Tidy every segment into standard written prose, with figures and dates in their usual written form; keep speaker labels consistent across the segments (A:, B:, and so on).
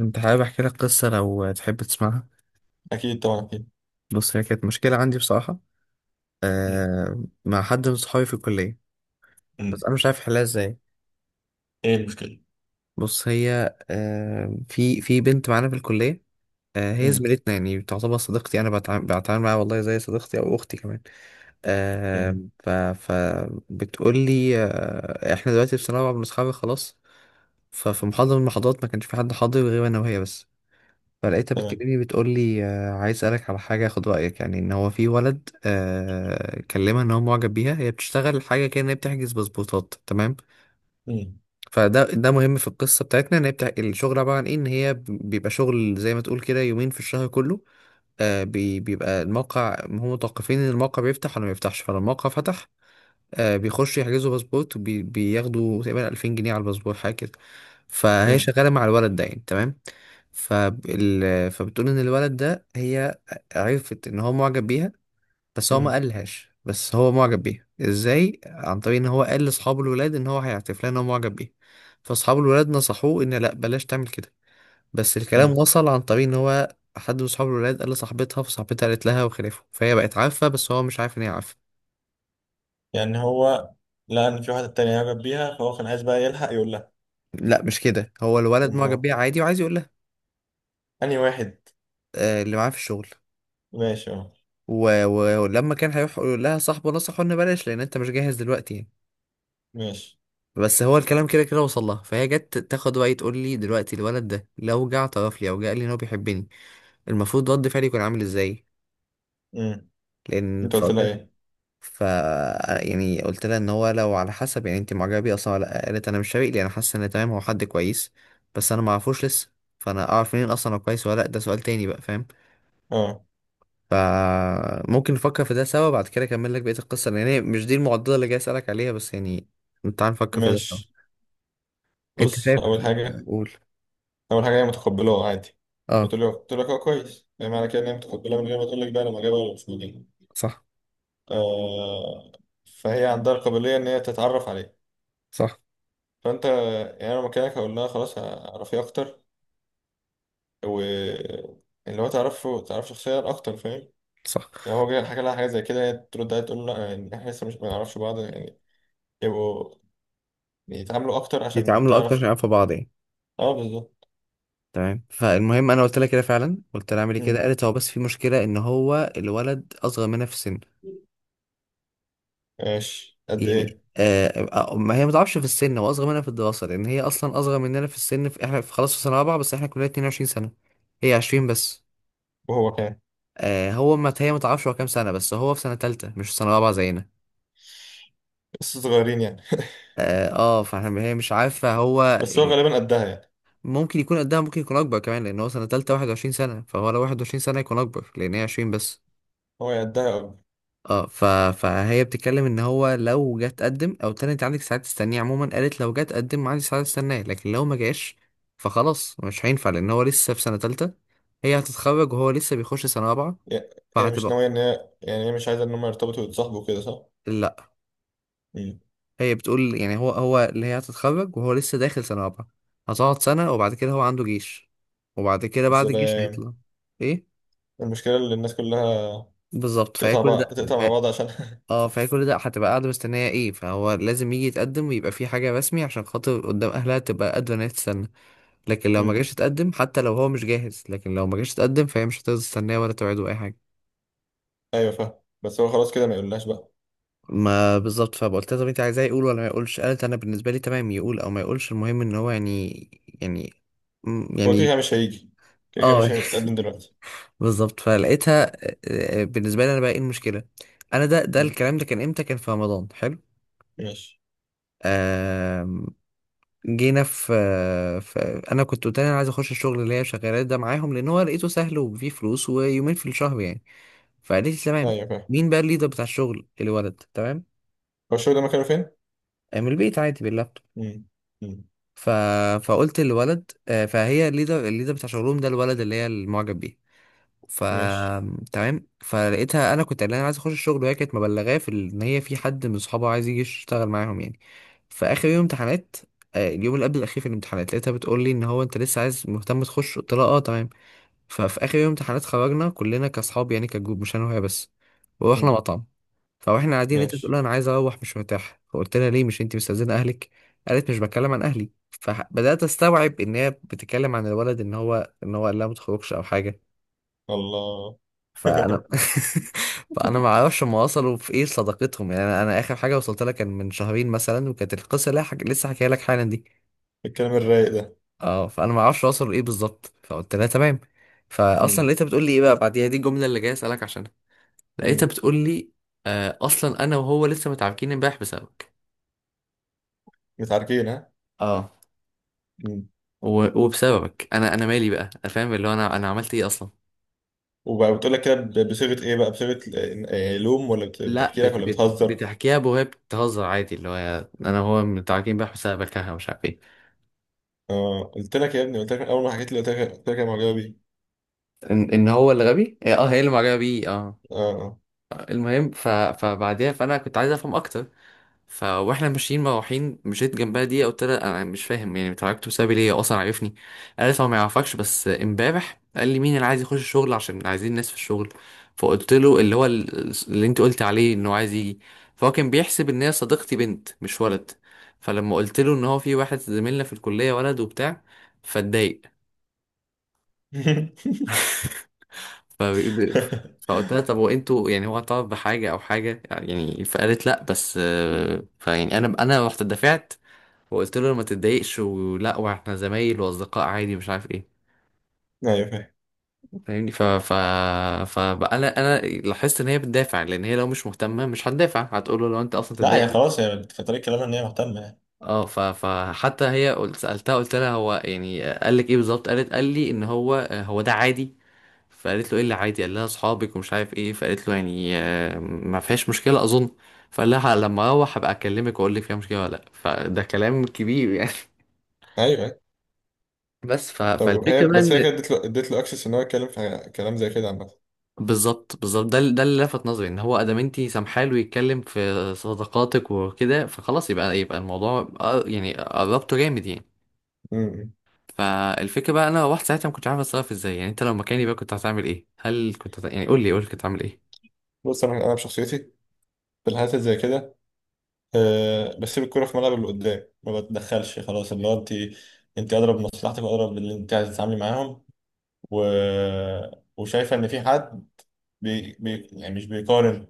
A: انت حابب احكي لك قصه لو تحب تسمعها؟
B: أكيد طبعا، أكيد.
A: بص، هي كانت مشكله عندي بصراحه.
B: مم.
A: مع حد من صحابي في الكليه. بس
B: مم.
A: انا مش عارف احلها ازاي.
B: إيه المشكلة؟
A: بص، هي في بنت معانا في الكليه. هي
B: مم.
A: زميلتنا، يعني تعتبر صديقتي. انا بتعامل معاها والله زي صديقتي او اختي كمان. آه
B: مم.
A: فبتقول لي: احنا دلوقتي في سنه رابعه بنتخرج خلاص. ففي محاضره من المحاضرات ما كانش في حد حاضر غير انا وهي بس. فلقيتها
B: تمام.
A: بتكلمني بتقول لي: عايز اسالك على حاجه، اخد رايك، يعني ان هو في ولد كلمها ان هو معجب بيها. هي بتشتغل حاجه كده، ان هي بتحجز باسبورتات، تمام.
B: مم.
A: فده مهم في القصه بتاعتنا، ان هي بتاع الشغل عباره عن ايه، ان هي بيبقى شغل زي ما تقول كده يومين في الشهر كله. بيبقى الموقع، هم متوقفين ان الموقع بيفتح ولا ما بيفتحش، فلو الموقع فتح بيخشوا يحجزوا باسبورت وبياخدوا تقريبا 2000 جنيه على الباسبور حاجه كده. فهي
B: مم.
A: شغاله مع الولد ده يعني، تمام. فبتقول ان الولد ده، هي عرفت ان هو معجب بيها. بس هو ما
B: مم.
A: قالهاش، بس هو معجب بيها ازاي؟ عن طريق ان هو قال لاصحاب الولاد ان هو هيعترف لها ان هو معجب بيها. فاصحاب الولاد نصحوه ان لا، بلاش تعمل كده. بس الكلام
B: مم.
A: وصل، عن طريق ان هو حد من اصحاب الولاد قال لصاحبتها، فصاحبتها قالت لها وخلافه، فهي بقت عارفه بس هو مش عارف ان هي عارفه.
B: يعني هو لقى إن في واحدة تانية يعجب بيها، فهو كان عايز بقى يلحق يقول لها.
A: لا، مش كده، هو الولد معجب
B: أما
A: بيها عادي وعايز يقول لها.
B: أنهي واحد؟
A: اللي معاه في الشغل.
B: ماشي، أه.
A: ولما كان هيروح يقول لها، صاحبه نصحه ان بلاش، لان انت مش جاهز دلوقتي يعني.
B: ماشي.
A: بس هو الكلام كده كده وصل لها. فهي جت تاخد وقت تقول لي: دلوقتي الولد ده لو جه اعترف لي او جه قال لي ان هو بيحبني، المفروض رد فعلي يكون عامل ازاي؟
B: مم.
A: لان
B: أنت قلت
A: فقلت
B: لها
A: لها
B: إيه؟
A: ف يعني قلت لها ان هو لو، على حسب، يعني انت معجبه بيه اصلا ولا لأ؟ قالت: انا مش شايف لي، انا حاسه ان تمام، هو حد كويس، بس انا ما اعرفوش لسه. فانا اعرف منين اصلا هو كويس ولا لا؟ ده سؤال تاني بقى، فاهم.
B: أه،
A: فممكن نفكر في ده سوا. بعد كده اكمل لك بقية القصة، لان هي مش دي المعضلة اللي جاي اسألك عليها، بس يعني تعال نفكر في ده سوا.
B: ماشي.
A: انت
B: بص،
A: شايف.
B: أول حاجة.
A: قول.
B: أول حاجة هي متقبلاه عادي.
A: اه،
B: بتقول له قلت لك أه كويس، يعني معنى كده إن هي متقبلاه من غير ما تقول لك بقى أنا معجبة ولا مش معجبة.
A: صح،
B: آه. فهي عندها القابلية إن هي تتعرف عليه.
A: صح،
B: فانت يعني انا مكانك هقول لها خلاص اعرفيه اكتر. و اللي هو تعرفه، تعرف شخصيا اكتر، فاهم.
A: صح.
B: يعني هو جاي حكى لها حاجه زي كده، هي ترد عليها تقول له لا، يعني احنا لسه مش ما نعرفش بعض يعني. يبقوا يتعاملوا اكتر عشان
A: يتعاملوا اكتر
B: تعرف.
A: عشان يعرفوا بعض يعني،
B: اه، بالظبط.
A: تمام. فالمهم، انا قلت لها كده فعلا، قلت لها اعملي كده.
B: مم.
A: قالت: هو بس في مشكلة، ان هو الولد اصغر منها في السن.
B: ماشي، قد
A: يعني
B: ايه؟
A: ما هي ما تعرفش في السن، هو اصغر منها في الدراسة. لان هي اصلا اصغر مننا في السن، في احنا، في خلاص في سنة رابعة، بس احنا كلنا 22 سنة، هي 20 بس.
B: وهو كان
A: هو ما هي ما تعرفش هو كام سنة، بس هو في سنة تالتة مش في سنة رابعة زينا.
B: لسه صغيرين يعني
A: فاحنا هي مش عارفة هو
B: بس هو
A: يعني
B: غالبا قدها يعني.
A: ممكن يكون قدها، ممكن يكون أكبر كمان، لأن هو سنة تالتة، 21 سنة، فهو لو 21 سنة يكون أكبر، لأن هي 20 بس.
B: هو يا قدها أو-.
A: اه ف... فهي بتتكلم ان هو لو جه تقدم، او تاني انت عندك ساعات تستنيه عموما. قالت: لو جه تقدم عندي ساعات استناه، لكن لو ما جاش فخلاص مش هينفع، لان هو لسه في سنة تالتة. هي هتتخرج وهو لسه بيخش سنة رابعة،
B: يا- هي مش
A: فهتبقى.
B: ناويه ان هي، يعني هي مش عايزه ان هم يرتبطوا ويتصاحبوا كده، صح؟
A: لا،
B: مم.
A: هي بتقول يعني هو اللي هي هتتخرج وهو لسه داخل سنة رابعة، هتقعد سنة، وبعد كده هو عنده جيش، وبعد كده بعد الجيش
B: سلام.
A: هيطلع. ايه
B: المشكله اللي الناس كلها
A: بالظبط. فهي
B: تقطع
A: كل ده
B: بقى، تقطع مع
A: ف-
B: بعض عشان
A: اه فهي كل ده هتبقى قاعدة مستنية، ايه، فهو لازم يجي يتقدم ويبقى في حاجة رسمي، عشان خاطر قدام اهلها تبقى قادرة ان هي تستنى. لكن لو ما جاش يتقدم، حتى لو هو مش جاهز، لكن لو ما جاش يتقدم فهي مش هتقدر تستناه ولا توعده اي حاجة.
B: ايوه فاهم. بس هو خلاص كده ما يقولهاش بقى.
A: ما بالظبط. فقلت لها: طب انت عايزاه يقول ولا ما يقولش؟ قالت: انا بالنسبة لي تمام يقول او ما يقولش، المهم ان هو يعني، يعني
B: هو كده
A: يعني.
B: كده مش هيجي. كده كده
A: اه.
B: مش هيتقدم دلوقتي.
A: بالظبط. فلقيتها
B: طب.
A: بالنسبه لي انا بقى ايه المشكله؟ انا ده
B: مم.
A: الكلام ده كان امتى؟ كان في رمضان حلو.
B: ماشي.
A: آم، جينا في، في، انا كنت قلت لها انا عايز اخش الشغل اللي هي شغاله ده معاهم، لان هو لقيته سهل وفيه فلوس ويومين في الشهر يعني. فقالت لي: تمام.
B: ايوه فاهم.
A: مين بقى الليدر بتاع الشغل؟ الولد، تمام.
B: هو الشغل ده مكانه فين؟
A: من البيت عادي باللابتوب.
B: مم. مم.
A: ف... فقلت للولد فهي الليدر بتاع شغلهم ده الولد اللي هي المعجب بيه. ف،
B: ماشي.
A: تمام. فلقيتها، انا كنت قايل لها عايز اخش الشغل، وهي كانت مبلغاه ان هي في حد من صحابها عايز يجي يشتغل معاهم يعني. فاخر يوم امتحانات، اليوم اللي قبل الاخير في الامتحانات، لقيتها بتقول لي ان هو انت لسه عايز مهتم تخش؟ قلت لها: اه، تمام. ففي اخر يوم امتحانات خرجنا كلنا كاصحاب، يعني كجروب، مش انا وهي بس، ورحنا
B: مم.
A: مطعم. فاحنا قاعدين، لقيتها بتقول
B: ماشي.
A: لي: انا عايز اروح، مش مرتاحه. فقلت لها: ليه، مش انت مستاذنه اهلك؟ قالت: مش بتكلم عن اهلي. فبدات استوعب ان هي بتتكلم عن الولد، ان هو قال لها ما تخرجش او حاجه.
B: الله
A: فانا فانا ما اعرفش هم وصلوا في ايه صداقتهم، يعني انا، اخر حاجه وصلت لها كان من شهرين مثلا، وكانت القصه اللي لسه حكيها لك حالا دي.
B: الكلام الرايق ده.
A: اه، فانا ما اعرفش وصلوا لايه بالظبط. فقلت لها تمام. فاصلا
B: مم.
A: لقيتها بتقول لي ايه بقى بعديها؟ دي الجمله اللي جاي اسالك عشانها. لقيتها
B: مم.
A: بتقول لي: اصلا انا وهو لسه متعاركين امبارح بسببك.
B: متعاركين، ها؟
A: اه.
B: مم.
A: وبسببك انا، مالي بقى؟ أنا فاهم اللي هو انا، عملت ايه اصلا؟
B: وبقى بتقول لك كده بصيغة ايه بقى، بصيغة لوم، ولا
A: لا
B: بتحكي لك، ولا بتهزر؟
A: بتحكيها، بوهي بتهزر عادي، اللي هو انا وهو متعاركين امبارح بسببك، ها، مش عارف ايه.
B: اه، قلت لك يا ابني، قلت لك من اول ما حكيت لي، قلت لك يا معجبه بيه.
A: ان هو اللي غبي، هي اللي معجبه بيه، اه.
B: اه. اه.
A: المهم فبعديها، فانا كنت عايز افهم اكتر. ف، واحنا ماشيين مروحين مشيت جنبها دي، قلت لها: انا مش فاهم يعني، اتعرفتوا بسببي ليه، هو اصلا عارفني؟ قالت: هو ما يعرفكش، بس امبارح قال لي مين اللي عايز يخش الشغل، عشان عايزين ناس في الشغل. فقلت له اللي هو، اللي انت قلت عليه انه عايز يجي. فهو كان بيحسب ان هي صديقتي بنت مش ولد. فلما قلت له ان هو في واحد زميلنا في الكليه ولد وبتاع، فاتضايق. فبيقول. فقلت لها: طب وانتوا يعني هو طلب بحاجة أو حاجة يعني؟ فقالت: لأ، بس فيعني أنا، رحت دفعت، وقلت له ما تتضايقش ولا، واحنا زمايل وأصدقاء عادي، مش عارف ايه.
B: ايوه فاهم.
A: فاهمني. ف ف فبقى انا، لاحظت ان هي بتدافع، لان هي لو مش مهتمه مش هتدافع، هتقول له لو انت اصلا
B: لا،
A: تتضايق.
B: هي خلاص هي في طريق كلامها ان هي مهتمه يعني.
A: اه ف فحتى هي، قلت سالتها، قلت لها: هو يعني قال لك ايه بالظبط؟ قالت: قال لي ان هو، هو ده عادي. فقالت له: ايه اللي عادي؟ قال لها: اصحابك ومش عارف ايه. فقالت له: يعني ما فيهاش مشكله اظن. فقال لها: لما اروح هبقى اكلمك واقول لك فيها مشكله ولا لا. فده كلام كبير يعني.
B: ايوه.
A: بس
B: طب هي،
A: فالفكره بقى
B: بس هي كانت
A: ان،
B: اديت له اكسس ان هو يتكلم في كلام زي كده عامه.
A: بالظبط بالظبط، ده اللي لفت نظري، ان هو ادام انت سامحاله يتكلم في صداقاتك وكده، فخلاص يبقى، الموضوع يعني قربته جامد يعني.
B: أمم.
A: فالفكره بقى، انا رحت ساعتها ما كنتش عارف اتصرف ازاي. يعني انت لو مكاني بقى كنت هتعمل ايه؟ هل كنت يعني قول لي، قول لي كنت هتعمل ايه؟
B: بص، انا بشخصيتي في الحالات اللي زي كده، أه، بسيب الكوره في ملعب اللي قدام، ما بتدخلش، خلاص. اللي هو انت اضرب بمصلحتك، واضرب باللي انت عايز تتعاملي معاهم. و... وشايفه ان في حد، يعني مش بيقارن،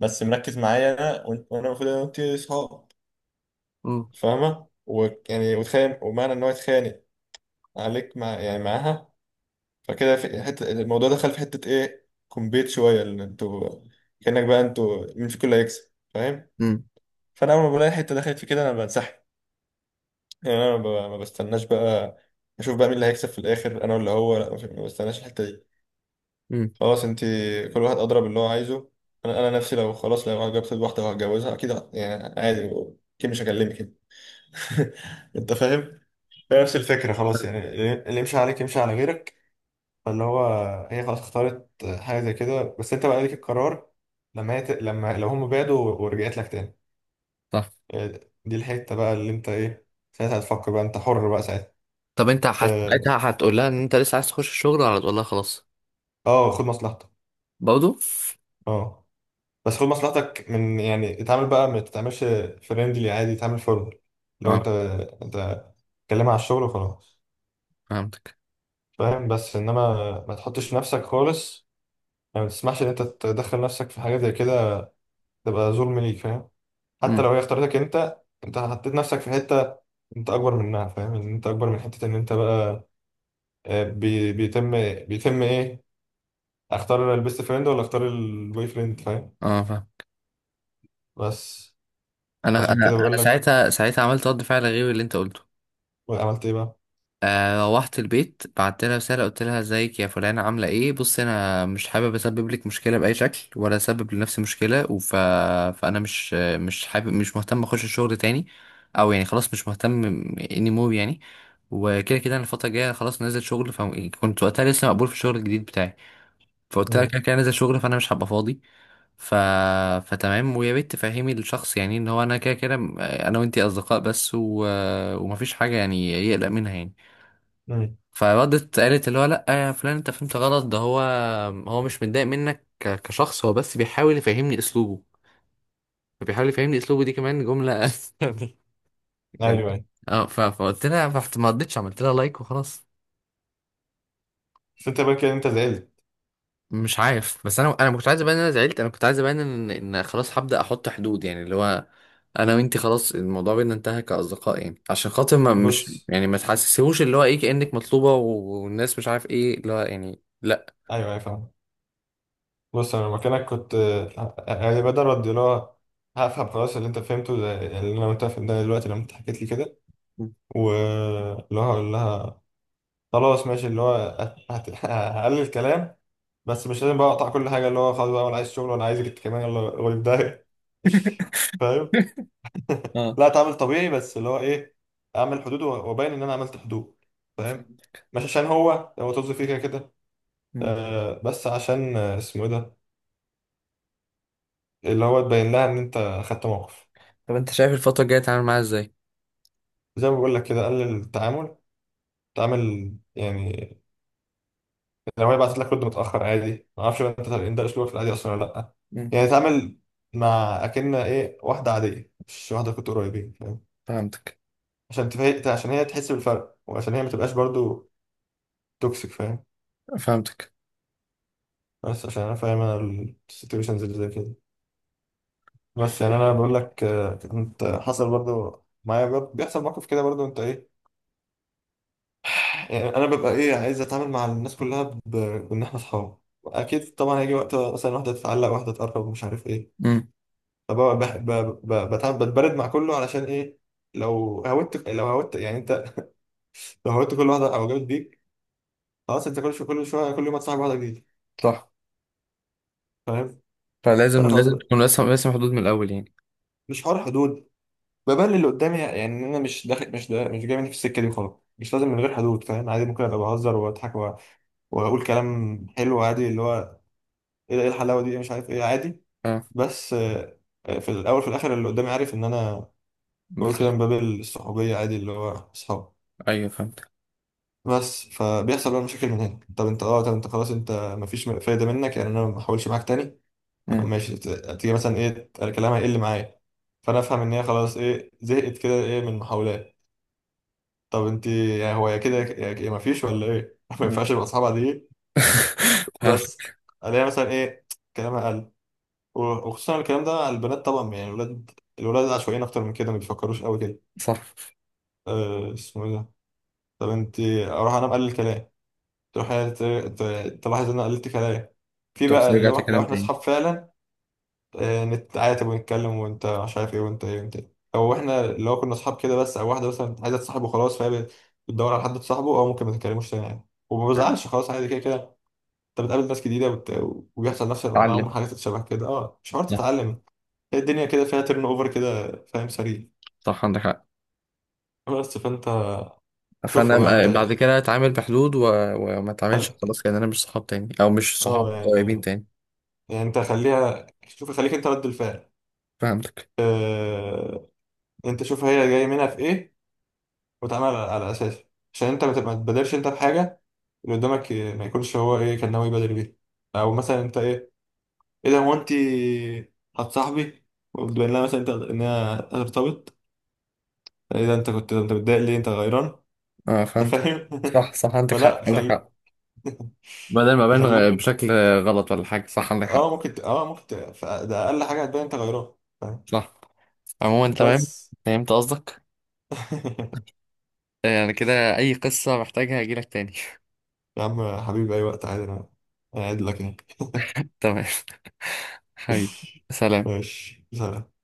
B: بس مركز معايا انا وانا المفروض انا وانت اصحاب، فاهمه. ويعني وتخيل ومعنى ان هو يتخانق عليك، يعني معاها. فكده في حتة الموضوع دخل في حتة ايه، كومبيت شوية، ان انتوا كأنك بقى انتوا مين فيكم اللي هيكسب، فاهم.
A: امم
B: فانا اول ما بلاقي حتة دخلت في كده انا بنسحب. يعني انا ما بستناش بقى. اشوف بقى مين اللي هيكسب في الاخر، انا ولا هو. لا، ما بستناش الحتة دي.
A: امم
B: خلاص، انت كل واحد اضرب اللي هو عايزه. انا نفسي لو خلاص لو جبت واحدة وهتجوزها، اكيد يعني عادي، اكيد مش هكلمك انت فاهم. هي نفس الفكرة خلاص يعني. اللي يمشي عليك يمشي على غيرك. فاللي هو هي خلاص اختارت حاجة زي كده. بس انت بقى ليك القرار لما هي، لما لو هم بعدوا ورجعت لك تاني.
A: صح.
B: دي الحتة بقى اللي انت ايه، ساعتها هتفكر بقى، انت حر بقى ساعتها.
A: طب انت
B: اه.
A: ساعتها هتقول لها ان انت لسه عايز تخش الشغل ولا هتقول لها خلاص؟
B: اه، خد مصلحتك.
A: برضه.
B: اه. بس خد مصلحتك، من يعني اتعامل بقى ما تتعاملش فريندلي عادي، اتعامل فورمال. لو انت،
A: اه،
B: انت اتكلم على الشغل وخلاص.
A: فهمتك.
B: فاهم. بس انما ما تحطش نفسك خالص، يعني ما تسمحش ان انت تدخل نفسك في حاجة زي كده، تبقى ظلم ليك، فاهم. حتى لو
A: امم
B: هي اختارتك انت. انت حطيت نفسك في حته، انت اكبر منها، فاهم ان انت اكبر من حته ان انت بقى، بيتم، بيتم ايه، اختار البيست فريند ولا اختار البوي فريند، فاهم.
A: اه، فاهم.
B: بس
A: انا
B: عشان
A: انا
B: كده
A: انا
B: بقول لك.
A: ساعتها عملت رد فعل غير اللي انت قلته.
B: عملت ايه بقى؟
A: روحت البيت، بعت لها رساله، قلت لها: ازيك يا فلانه، عامله ايه؟ بص انا مش حابب اسبب لك مشكله باي شكل ولا اسبب لنفسي مشكله، فانا مش، حابب، مش مهتم اخش الشغل تاني، او يعني خلاص مش مهتم، اني مور يعني. وكده كده انا الفتره الجايه خلاص نازل شغل، فكنت وقتها لسه مقبول في الشغل الجديد بتاعي. فقلت لها
B: امم.
A: كده كده نازل شغل، فانا مش هبقى فاضي. ف... فتمام، ويا ريت تفهمي الشخص يعني ان هو انا كده كده انا وانتي اصدقاء بس، ومفيش حاجه يعني يقلق منها يعني.
B: امم.
A: فردت قالت اللي هو: لا يا فلان، انت فهمت غلط، ده هو، هو مش متضايق منك كشخص، هو بس بيحاول يفهمني اسلوبه. فبيحاول يفهمني اسلوبه، دي كمان جمله.
B: ايوه،
A: جميل.
B: ايوه.
A: اه. فقلت لها، ما ردتش، عملت لها لايك وخلاص.
B: بس انت بقى كده انت زعلت.
A: مش عارف، بس انا، ما كنتش عايز ابان ان انا زعلت، انا كنت عايز ابان ان، خلاص هبدا احط حدود يعني، اللي هو انا وانتي خلاص الموضوع بينا انتهى كاصدقاء، يعني عشان خاطر ما، مش
B: بص.
A: يعني ما تحسسيهوش اللي هو ايه، كانك مطلوبه والناس مش عارف ايه، اللي هو يعني لا.
B: ايوه، ايوه، فاهم. بص انا مكانك كنت، يعني بدل رد اللي هو هفهم خلاص اللي انت فهمته يعني اللي انا وانت فهمتها دلوقتي لما انت حكيت لي كده.
A: مم.
B: واللي هو هقول لها خلاص ماشي، اللي هو هقلل الكلام. بس مش لازم بقى اقطع كل حاجه، اللي هو خلاص بقى ولا عايز شغل ولا عايزك انت كمان، يلا غريب ده فاهم.
A: اه،
B: لا، اتعامل طبيعي، بس اللي هو ايه، اعمل حدود وابين ان انا عملت حدود، فاهم.
A: فهمت.
B: مش عشان هو، هو طز فيه كده كده.
A: مم.
B: بس عشان، اسمه ايه ده، اللي هو تبين لها ان انت خدت موقف.
A: طب انت شايف الفتره الجايه تتعامل معاها ازاي؟
B: زي ما بقول لك كده، قلل التعامل. تعامل يعني لو هي بعتت لك رد متاخر عادي، ما اعرفش بقى انت طالعين ده اسلوبك في العادي اصلا ولا لا.
A: مم.
B: يعني اتعامل مع اكن ايه واحده عاديه، مش واحده كنت قريبين، فاهم،
A: فهمتك.
B: عشان تفاجئ، عشان هي تحس بالفرق، وعشان هي ما تبقاش برضو توكسيك، فاهم.
A: فهمتك.
B: بس عشان انا فاهم انا السيتويشنز اللي زي كده. بس يعني انا بقول لك، كنت حصل برضو معايا، برضو بيحصل موقف كده، برضو انت ايه، يعني انا ببقى ايه عايز اتعامل مع الناس كلها بان احنا اصحاب. اكيد طبعا هيجي وقت مثلا واحده تتعلق، واحده تقرب، مش عارف ايه.
A: مم.
B: بتبرد مع كله، علشان ايه؟ لو هودت يعني انت، لو هودت كل واحده او جابت بيك، خلاص انت كل شويه كل شويه كل يوم هتصاحب واحده جديده.
A: صح.
B: فاهم.
A: فلازم،
B: فانا خلاص بقى،
A: تكون راسم، حدود من الاول يعني.
B: مش حوار حدود، ببلل اللي قدامي، يعني ان انا مش داخل، مش دا، مش جاي مني في السكه دي، وخلاص. مش لازم من غير حدود، فاهم، عادي ممكن ابقى بهزر واضحك واقول كلام حلو، عادي اللي هو ايه ده؟ إيه الحلاوه دي، إيه، مش عارف ايه، عادي.
A: اه،
B: بس في الاول في الاخر اللي قدامي عارف ان انا بقول كده
A: بتهزر.
B: من باب الصحوبيه، عادي اللي هو اصحاب.
A: ايوه، فهمتك.
B: بس فبيحصل بقى مشاكل من هنا. طب انت خلاص انت مفيش فايده منك، يعني انا ما احاولش معاك تاني. طب
A: مم.
B: ماشي، تيجي مثلا ايه، انا كلامها هيقل معايا. فانا افهم ان هي خلاص ايه زهقت كده ايه من المحاولات. طب انت يعني، هو يا كده يا مفيش ولا ايه ما
A: مم.
B: ينفعش يبقى اصحابها دي. بس
A: فهمت.
B: الاقيها مثلا ايه كلامها قل و- وخصوصا الكلام ده على البنات طبعا، يعني الولاد عشوائيين اكتر من كده، ما بيفكروش قوي كده.
A: صح.
B: أه، اسمه ايه ده، طب انت اروح انام قال الكلام، تروح هي تلاحظ ان انا قلت كلام. في
A: تروح
B: بقى
A: رجعت
B: لو
A: كلام
B: احنا
A: تاني.
B: اصحاب فعلا، نتعاتب ونتكلم، وانت مش عارف ايه، وانت ايه، وانت ايه. او احنا لو كنا اصحاب كده بس، او واحده مثلا عايزه تصاحبه خلاص، فهي بتدور على حد تصاحبه، او ممكن ما تتكلموش تاني عادي، وما بزعلش خلاص، عادي كده كده. انت بتقابل ناس جديده وبيحصل نفس
A: اتعلم.
B: معاهم حاجات شبه كده، اه مش عارف
A: صح،
B: تتعلم. هي الدنيا كده فيها ترن اوفر كده، فاهم، سريع.
A: صح، عندك حق.
B: بس فانت شوفها بقى
A: فانا بعد
B: انت.
A: كده اتعامل بحدود وما
B: خل...
A: اتعاملش خلاص كان انا مش صحاب تاني، او مش صحاب
B: اه
A: قريبين
B: يعني،
A: تاني.
B: يعني انت خليها، شوف خليك انت رد الفعل.
A: فهمتك.
B: آه، انت شوف هي جاي منها في ايه، وتعمل على اساسه، عشان انت ما تبادرش انت بحاجه، اللي قدامك ما يكونش هو ايه كان ناوي يبادر بيها. او مثلا انت ايه، ايه ده، هو انت هتصاحبي وتبين لها مثلا انت انها هترتبط، ايه ده، انت كنت انت متضايق ليه، انت غيران.
A: اه،
B: انت
A: فهمت،
B: فاهم
A: صح، صح، عندك حق،
B: فلا
A: عندك حق. بدل ما ابان
B: خليك.
A: بشكل غلط ولا حاجه، صح عندك حق.
B: ده اقل حاجه هتبان انت غيران، فاهم.
A: صح. عموما تمام.
B: بس
A: فهمت قصدك. يعني كده اي قصه محتاجها هجيلك تاني.
B: يا عم حبيبي، اي وقت عادي، انا قاعد لك يعني
A: تمام. حبيبي، سلام.
B: ماشي، سلام.